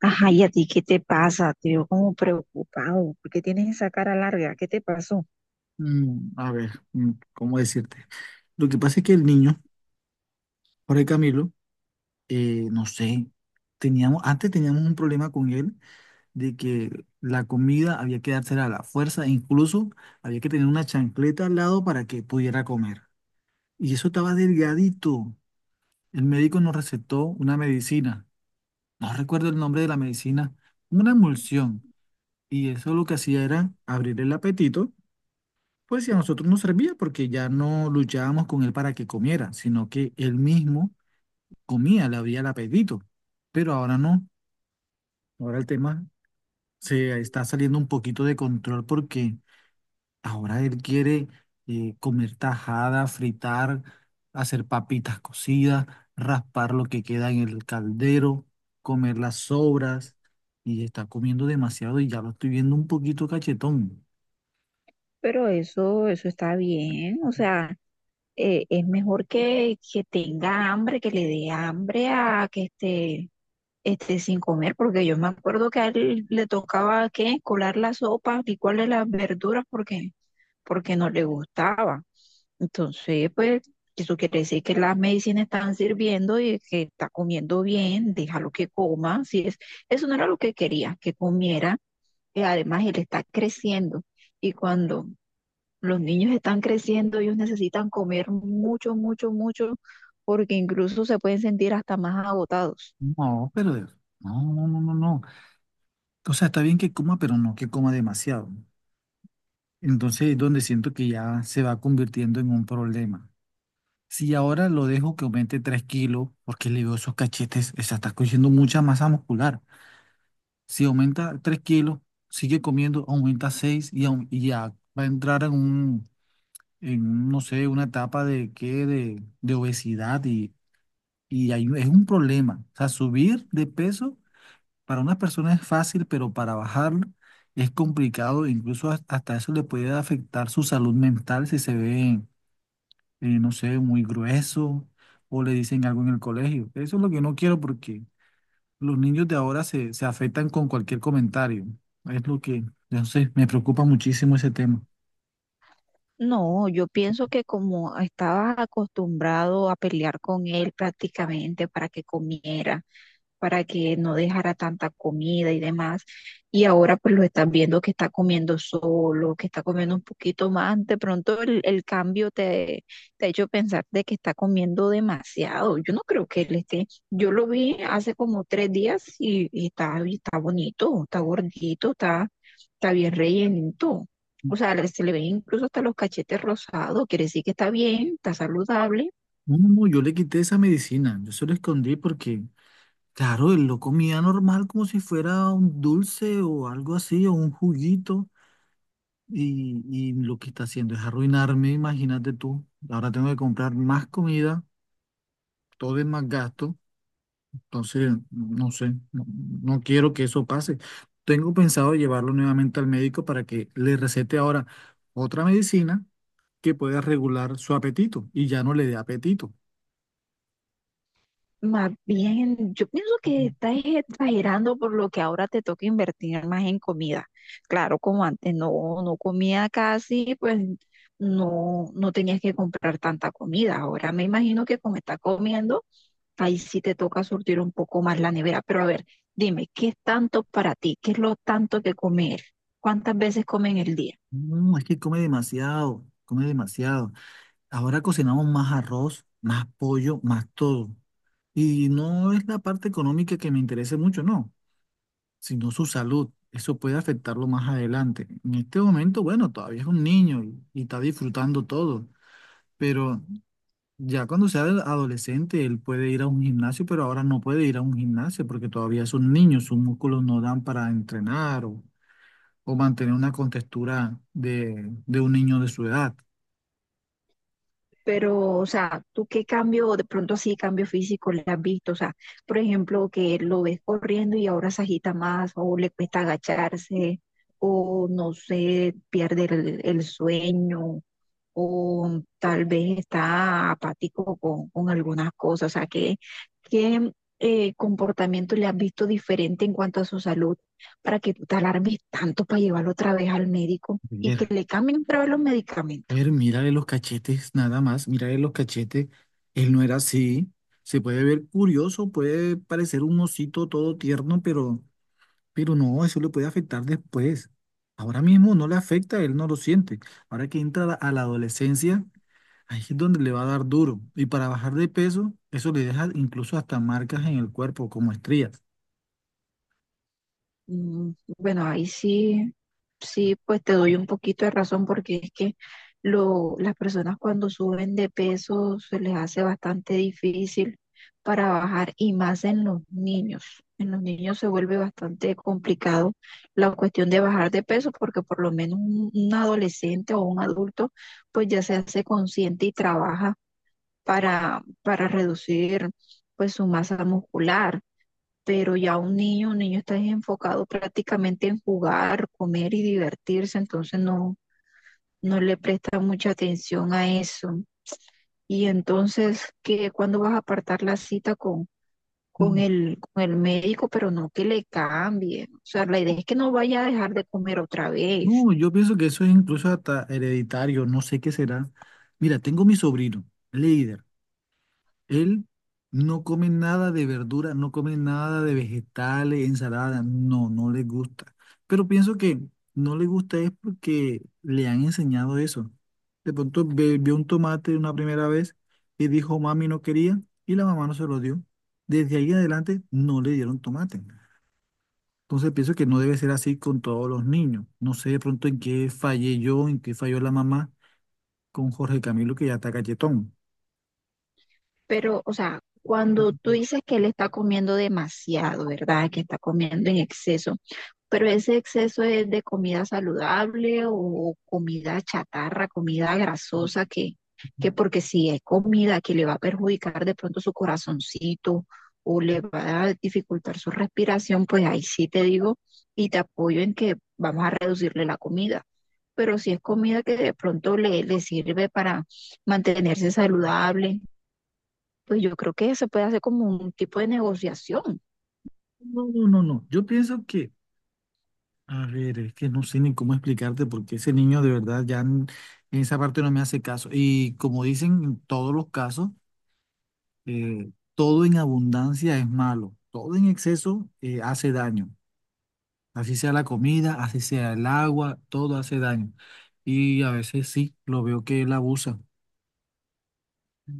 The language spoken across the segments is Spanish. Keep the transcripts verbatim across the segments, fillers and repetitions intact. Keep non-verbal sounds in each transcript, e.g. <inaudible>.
Ajá, ¿y a ti qué te pasa? Te veo como preocupado, ¿porque tienes esa cara larga? ¿Qué te pasó? Mm, a ver, mm, ¿cómo decirte? Lo que pasa es que el niño, Jorge Camilo, eh, no sé, teníamos, antes teníamos un problema con él de que la comida había que dársela a la fuerza, e incluso había que tener una chancleta al lado para que pudiera comer. Y eso estaba delgadito. El médico nos recetó una medicina, no recuerdo el nombre de la medicina, una emulsión. Y eso lo que hacía era abrir el apetito. Pues sí, a nosotros nos servía porque ya no luchábamos con él para que comiera, sino que él mismo comía, le abría el apetito. Pero ahora no, ahora el tema se está saliendo un poquito de control porque ahora él quiere eh, comer tajada, fritar, hacer papitas cocidas, raspar lo que queda en el caldero, comer las sobras, y está comiendo demasiado y ya lo estoy viendo un poquito cachetón. Pero eso, eso está bien, o sea, eh, es mejor que, que tenga hambre, que le dé hambre a que esté, esté sin comer, porque yo me acuerdo que a él le tocaba, ¿qué? Colar la sopa, licuarle las verduras, porque, porque no le gustaba. Entonces, pues, eso quiere decir que las medicinas están sirviendo y que está comiendo bien, déjalo que coma. Si es, eso no era lo que quería, que comiera. Y además, él está creciendo. Y cuando los niños están creciendo, ellos necesitan comer mucho, mucho, mucho, porque incluso se pueden sentir hasta más agotados. No, pero no, no, no, no, no. O sea, está bien que coma, pero no que coma demasiado, ¿no? Entonces es donde siento que ya se va convirtiendo en un problema. Si ahora lo dejo que aumente tres kilos, porque le veo esos cachetes, o sea, está cogiendo mucha masa muscular. Si aumenta tres kilos, sigue comiendo, aumenta seis y, aum- y ya va a entrar en un, en, un, no sé, una etapa de qué, de, de obesidad, y, y ahí es un problema. O sea, subir de peso para unas personas es fácil, pero para bajarlo es complicado. Incluso has- hasta eso le puede afectar su salud mental si se ve, eh, no sé, muy grueso o le dicen algo en el colegio. Eso es lo que no quiero porque los niños de ahora se, se afectan con cualquier comentario. Es lo que, no sé, me preocupa muchísimo ese tema. No, yo pienso que como estaba acostumbrado a pelear con él prácticamente para que comiera para que no dejara tanta comida y demás. Y ahora pues lo estás viendo que está comiendo solo, que está comiendo un poquito más. De pronto el, el cambio te, te ha hecho pensar de que está comiendo demasiado. Yo no creo que él esté. Yo lo vi hace como tres días y, y está, y está bonito, está gordito, está, está bien rellenito. O sea, le- se le ven incluso hasta los cachetes rosados. Quiere decir que está bien, está saludable. No, no, no, yo le quité esa medicina. Yo se lo escondí porque, claro, él lo comía normal como si fuera un dulce o algo así o un juguito. Y, y lo que está haciendo es arruinarme, imagínate tú. Ahora tengo que comprar más comida, todo es más gasto. Entonces, no sé, no, no quiero que eso pase. Tengo pensado llevarlo nuevamente al médico para que le recete ahora otra medicina que pueda regular su apetito y ya no le dé apetito. Más bien, yo pienso que Ujú. estás exagerando por lo que ahora te toca invertir más en comida. Claro, como antes no, no comía casi, pues no, no tenías que comprar tanta comida. Ahora me imagino que como estás comiendo, ahí sí te toca surtir un poco más la nevera. Pero a ver, dime, ¿qué es tanto para ti? ¿Qué es lo tanto que comer? ¿Cuántas veces comen el día? No, es que come demasiado, come demasiado. Ahora cocinamos más arroz, más pollo, más todo. Y no es la parte económica que me interese mucho, no, sino su salud. Eso puede afectarlo más adelante. En este momento, bueno, todavía es un niño y, y está disfrutando todo, pero ya cuando sea el adolescente, él puede ir a un gimnasio, pero ahora no puede ir a un gimnasio porque todavía es un niño, sus músculos no dan para entrenar o, o mantener una contextura de, de un niño de su edad. Pero, o sea, ¿tú qué cambio, de pronto así, cambio físico le has visto? O sea, por ejemplo, que lo ves corriendo y ahora se agita más, o le cuesta agacharse, o no sé, pierde el, el sueño, o tal vez está apático con, con algunas cosas. O sea, ¿qué, qué eh, comportamiento le has visto diferente en cuanto a su salud para que tú te alarmes tanto para llevarlo otra vez al médico y que Ver, le cambien otra vez los medicamentos? ver, mírale los cachetes, nada más, mírale los cachetes. Él no era así. Se puede ver curioso, puede parecer un osito todo tierno, pero Pero no, eso le puede afectar después. Ahora mismo no le afecta, él no lo siente. Ahora que entra la- a la adolescencia, ahí es donde le va a dar duro. Y para bajar de peso, eso le deja incluso hasta marcas en el cuerpo, como estrías. Mm, bueno, ahí sí, sí, pues te doy un poquito de razón porque es que lo, las personas cuando suben de peso se les hace bastante difícil para bajar y más en los niños. En los niños se vuelve bastante complicado la cuestión de bajar de peso porque por lo menos un, un adolescente o un adulto pues ya se hace consciente y trabaja para, para reducir pues su masa muscular, pero ya un niño, un niño está enfocado prácticamente en jugar, comer y divertirse, entonces no, no le presta mucha atención a eso. Y entonces, ¿qué, cuándo vas a apartar la cita con, con Mm, el, con el médico? Pero no que le cambie. O sea, la idea es que no vaya a dejar de comer otra vez. No, yo pienso que eso es incluso hasta hereditario, no sé qué será. Mira, tengo mi sobrino, líder. Él no come nada de verdura, no come nada de vegetales, ensalada, no, no le gusta. Pero pienso que no le gusta es porque le han enseñado eso. De pronto ve- vio un tomate una primera vez y dijo, mami, no quería, y la mamá no se lo dio. Desde ahí en adelante no le dieron tomate. Entonces pienso que no debe ser así con todos los niños. No sé de pronto en qué fallé yo, en qué falló la mamá con Jorge Camilo, que ya está galletón. Pero, o sea, cuando tú dices que él está comiendo demasiado, ¿verdad? Que está comiendo en exceso. Pero ese exceso, ¿es de comida saludable o comida chatarra, comida grasosa, que, que? Porque si es comida que le va a perjudicar de pronto su corazoncito o le va a dificultar su respiración, pues ahí sí te digo y te apoyo en que vamos a reducirle la comida. Pero si es comida que de pronto le, le sirve para mantenerse saludable, pues yo creo que se puede hacer como un tipo de negociación. No, no, no, no. Yo pienso que a ver, es que no sé ni cómo explicarte porque ese niño de verdad ya en, en esa parte no me hace caso. Y como dicen en todos los casos, eh, todo en abundancia es malo, todo en exceso eh, hace daño. Así sea la comida, así sea el agua, todo hace daño. Y a veces sí, lo veo que él abusa.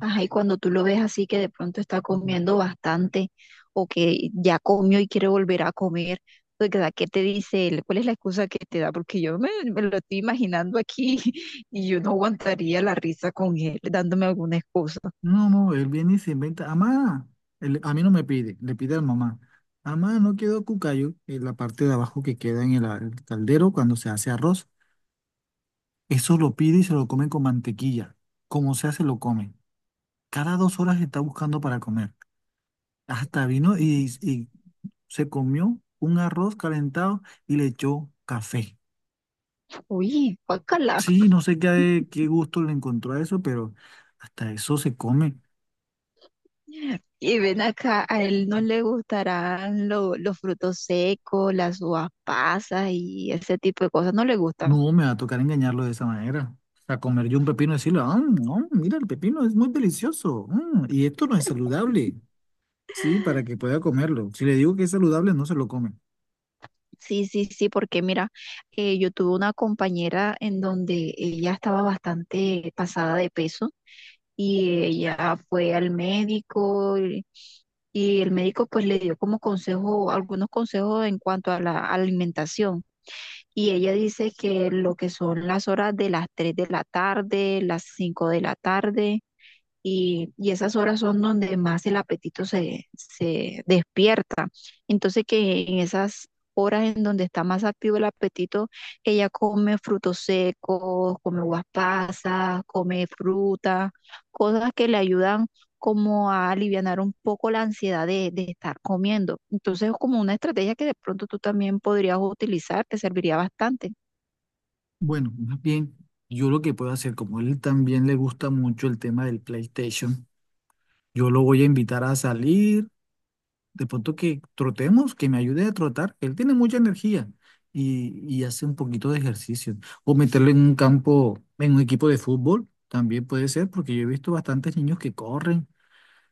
Ajá, y cuando tú lo ves así que de pronto está Ujú. comiendo bastante o que ya comió y quiere volver a comer, pues, ¿verdad? ¿Qué te dice él? ¿Cuál es la excusa que te da? Porque yo me, me lo estoy imaginando aquí <laughs> y yo no aguantaría la risa con él dándome alguna excusa. No, no, él viene y se inventa. Amá, él- a mí no me pide, le pide a mamá. Amá, no quedó cucayo, en la parte de abajo que queda en el, a- el caldero cuando se hace arroz. Eso lo pide y se lo comen con mantequilla. Como sea, se lo comen. Cada dos horas está buscando para comer. Hasta vino y, y se comió un arroz calentado y le echó café. Uy, guácala. Sí, no sé qué, eh, qué gusto le encontró a eso, pero hasta eso se come. Y ven acá, a él no le gustarán lo- los frutos secos, las uvas pasas y ese tipo de cosas, no le gustan. No, me va a tocar engañarlo de esa manera. A comer yo un pepino y decirle, ah, no, mira, el pepino es muy delicioso, mm, y esto no es saludable. Sí, para que pueda comerlo. Si le digo que es saludable, no se lo come. Sí, sí, sí, porque mira, eh, yo tuve una compañera en donde ella estaba bastante pasada de peso y ella fue al médico y, y el médico pues le dio como consejo, algunos consejos en cuanto a la alimentación. Y ella dice que lo que son las horas de las tres de la tarde, las cinco de la tarde y, y esas horas son donde más el apetito se, se despierta. Entonces que en esas horas en donde está más activo el apetito, ella come frutos secos, come uvas pasas, come fruta, cosas que le ayudan como a alivianar un poco la ansiedad de, de estar comiendo. Entonces es como una estrategia que de pronto tú también podrías utilizar, te serviría bastante. Bueno, más bien, yo lo que puedo hacer, como él también le gusta mucho el tema del PlayStation, yo lo voy a invitar a salir, de pronto que trotemos, que me ayude a trotar, él tiene mucha energía, y, y hace un poquito de ejercicio. O meterlo en un campo, en un equipo de fútbol, también puede ser, porque yo he visto bastantes niños que corren,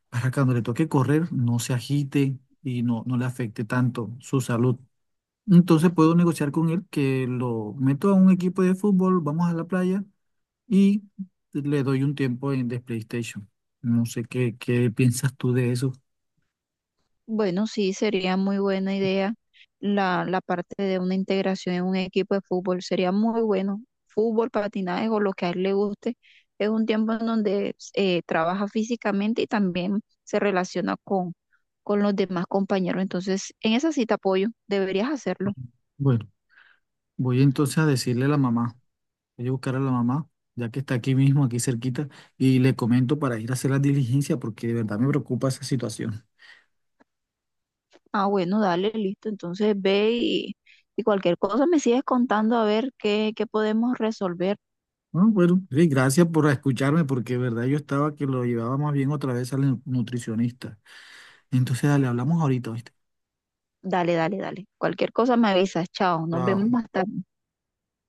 para que cuando le toque correr no se agite y no, no le afecte tanto su salud. Entonces puedo negociar con él que lo meto a un equipo de fútbol, vamos a la playa y le doy un tiempo en de PlayStation. No sé qué, qué piensas tú de eso. Bueno, sí, sería muy buena idea la, la parte de una integración en un equipo de fútbol. Sería muy bueno. Fútbol, patinaje o lo que a él le guste. Es un tiempo en donde eh, trabaja físicamente y también se relaciona con, con los demás compañeros. Entonces, en esa cita apoyo, deberías hacerlo. Bueno, voy entonces a decirle a la mamá, voy a buscar a la mamá, ya que está aquí mismo, aquí cerquita, y le comento para ir a hacer la diligencia, porque de verdad me preocupa esa situación. Ah, bueno, dale, listo. Entonces ve y, y cualquier cosa me sigues contando a ver qué, qué podemos resolver. Ah, bueno, sí, gracias por escucharme, porque de verdad yo estaba que lo llevaba más bien otra vez al nu- nutricionista. Entonces, dale, hablamos ahorita, ¿viste? Dale, dale, dale. Cualquier cosa me avisas. Chao, nos vemos Chao. más tarde.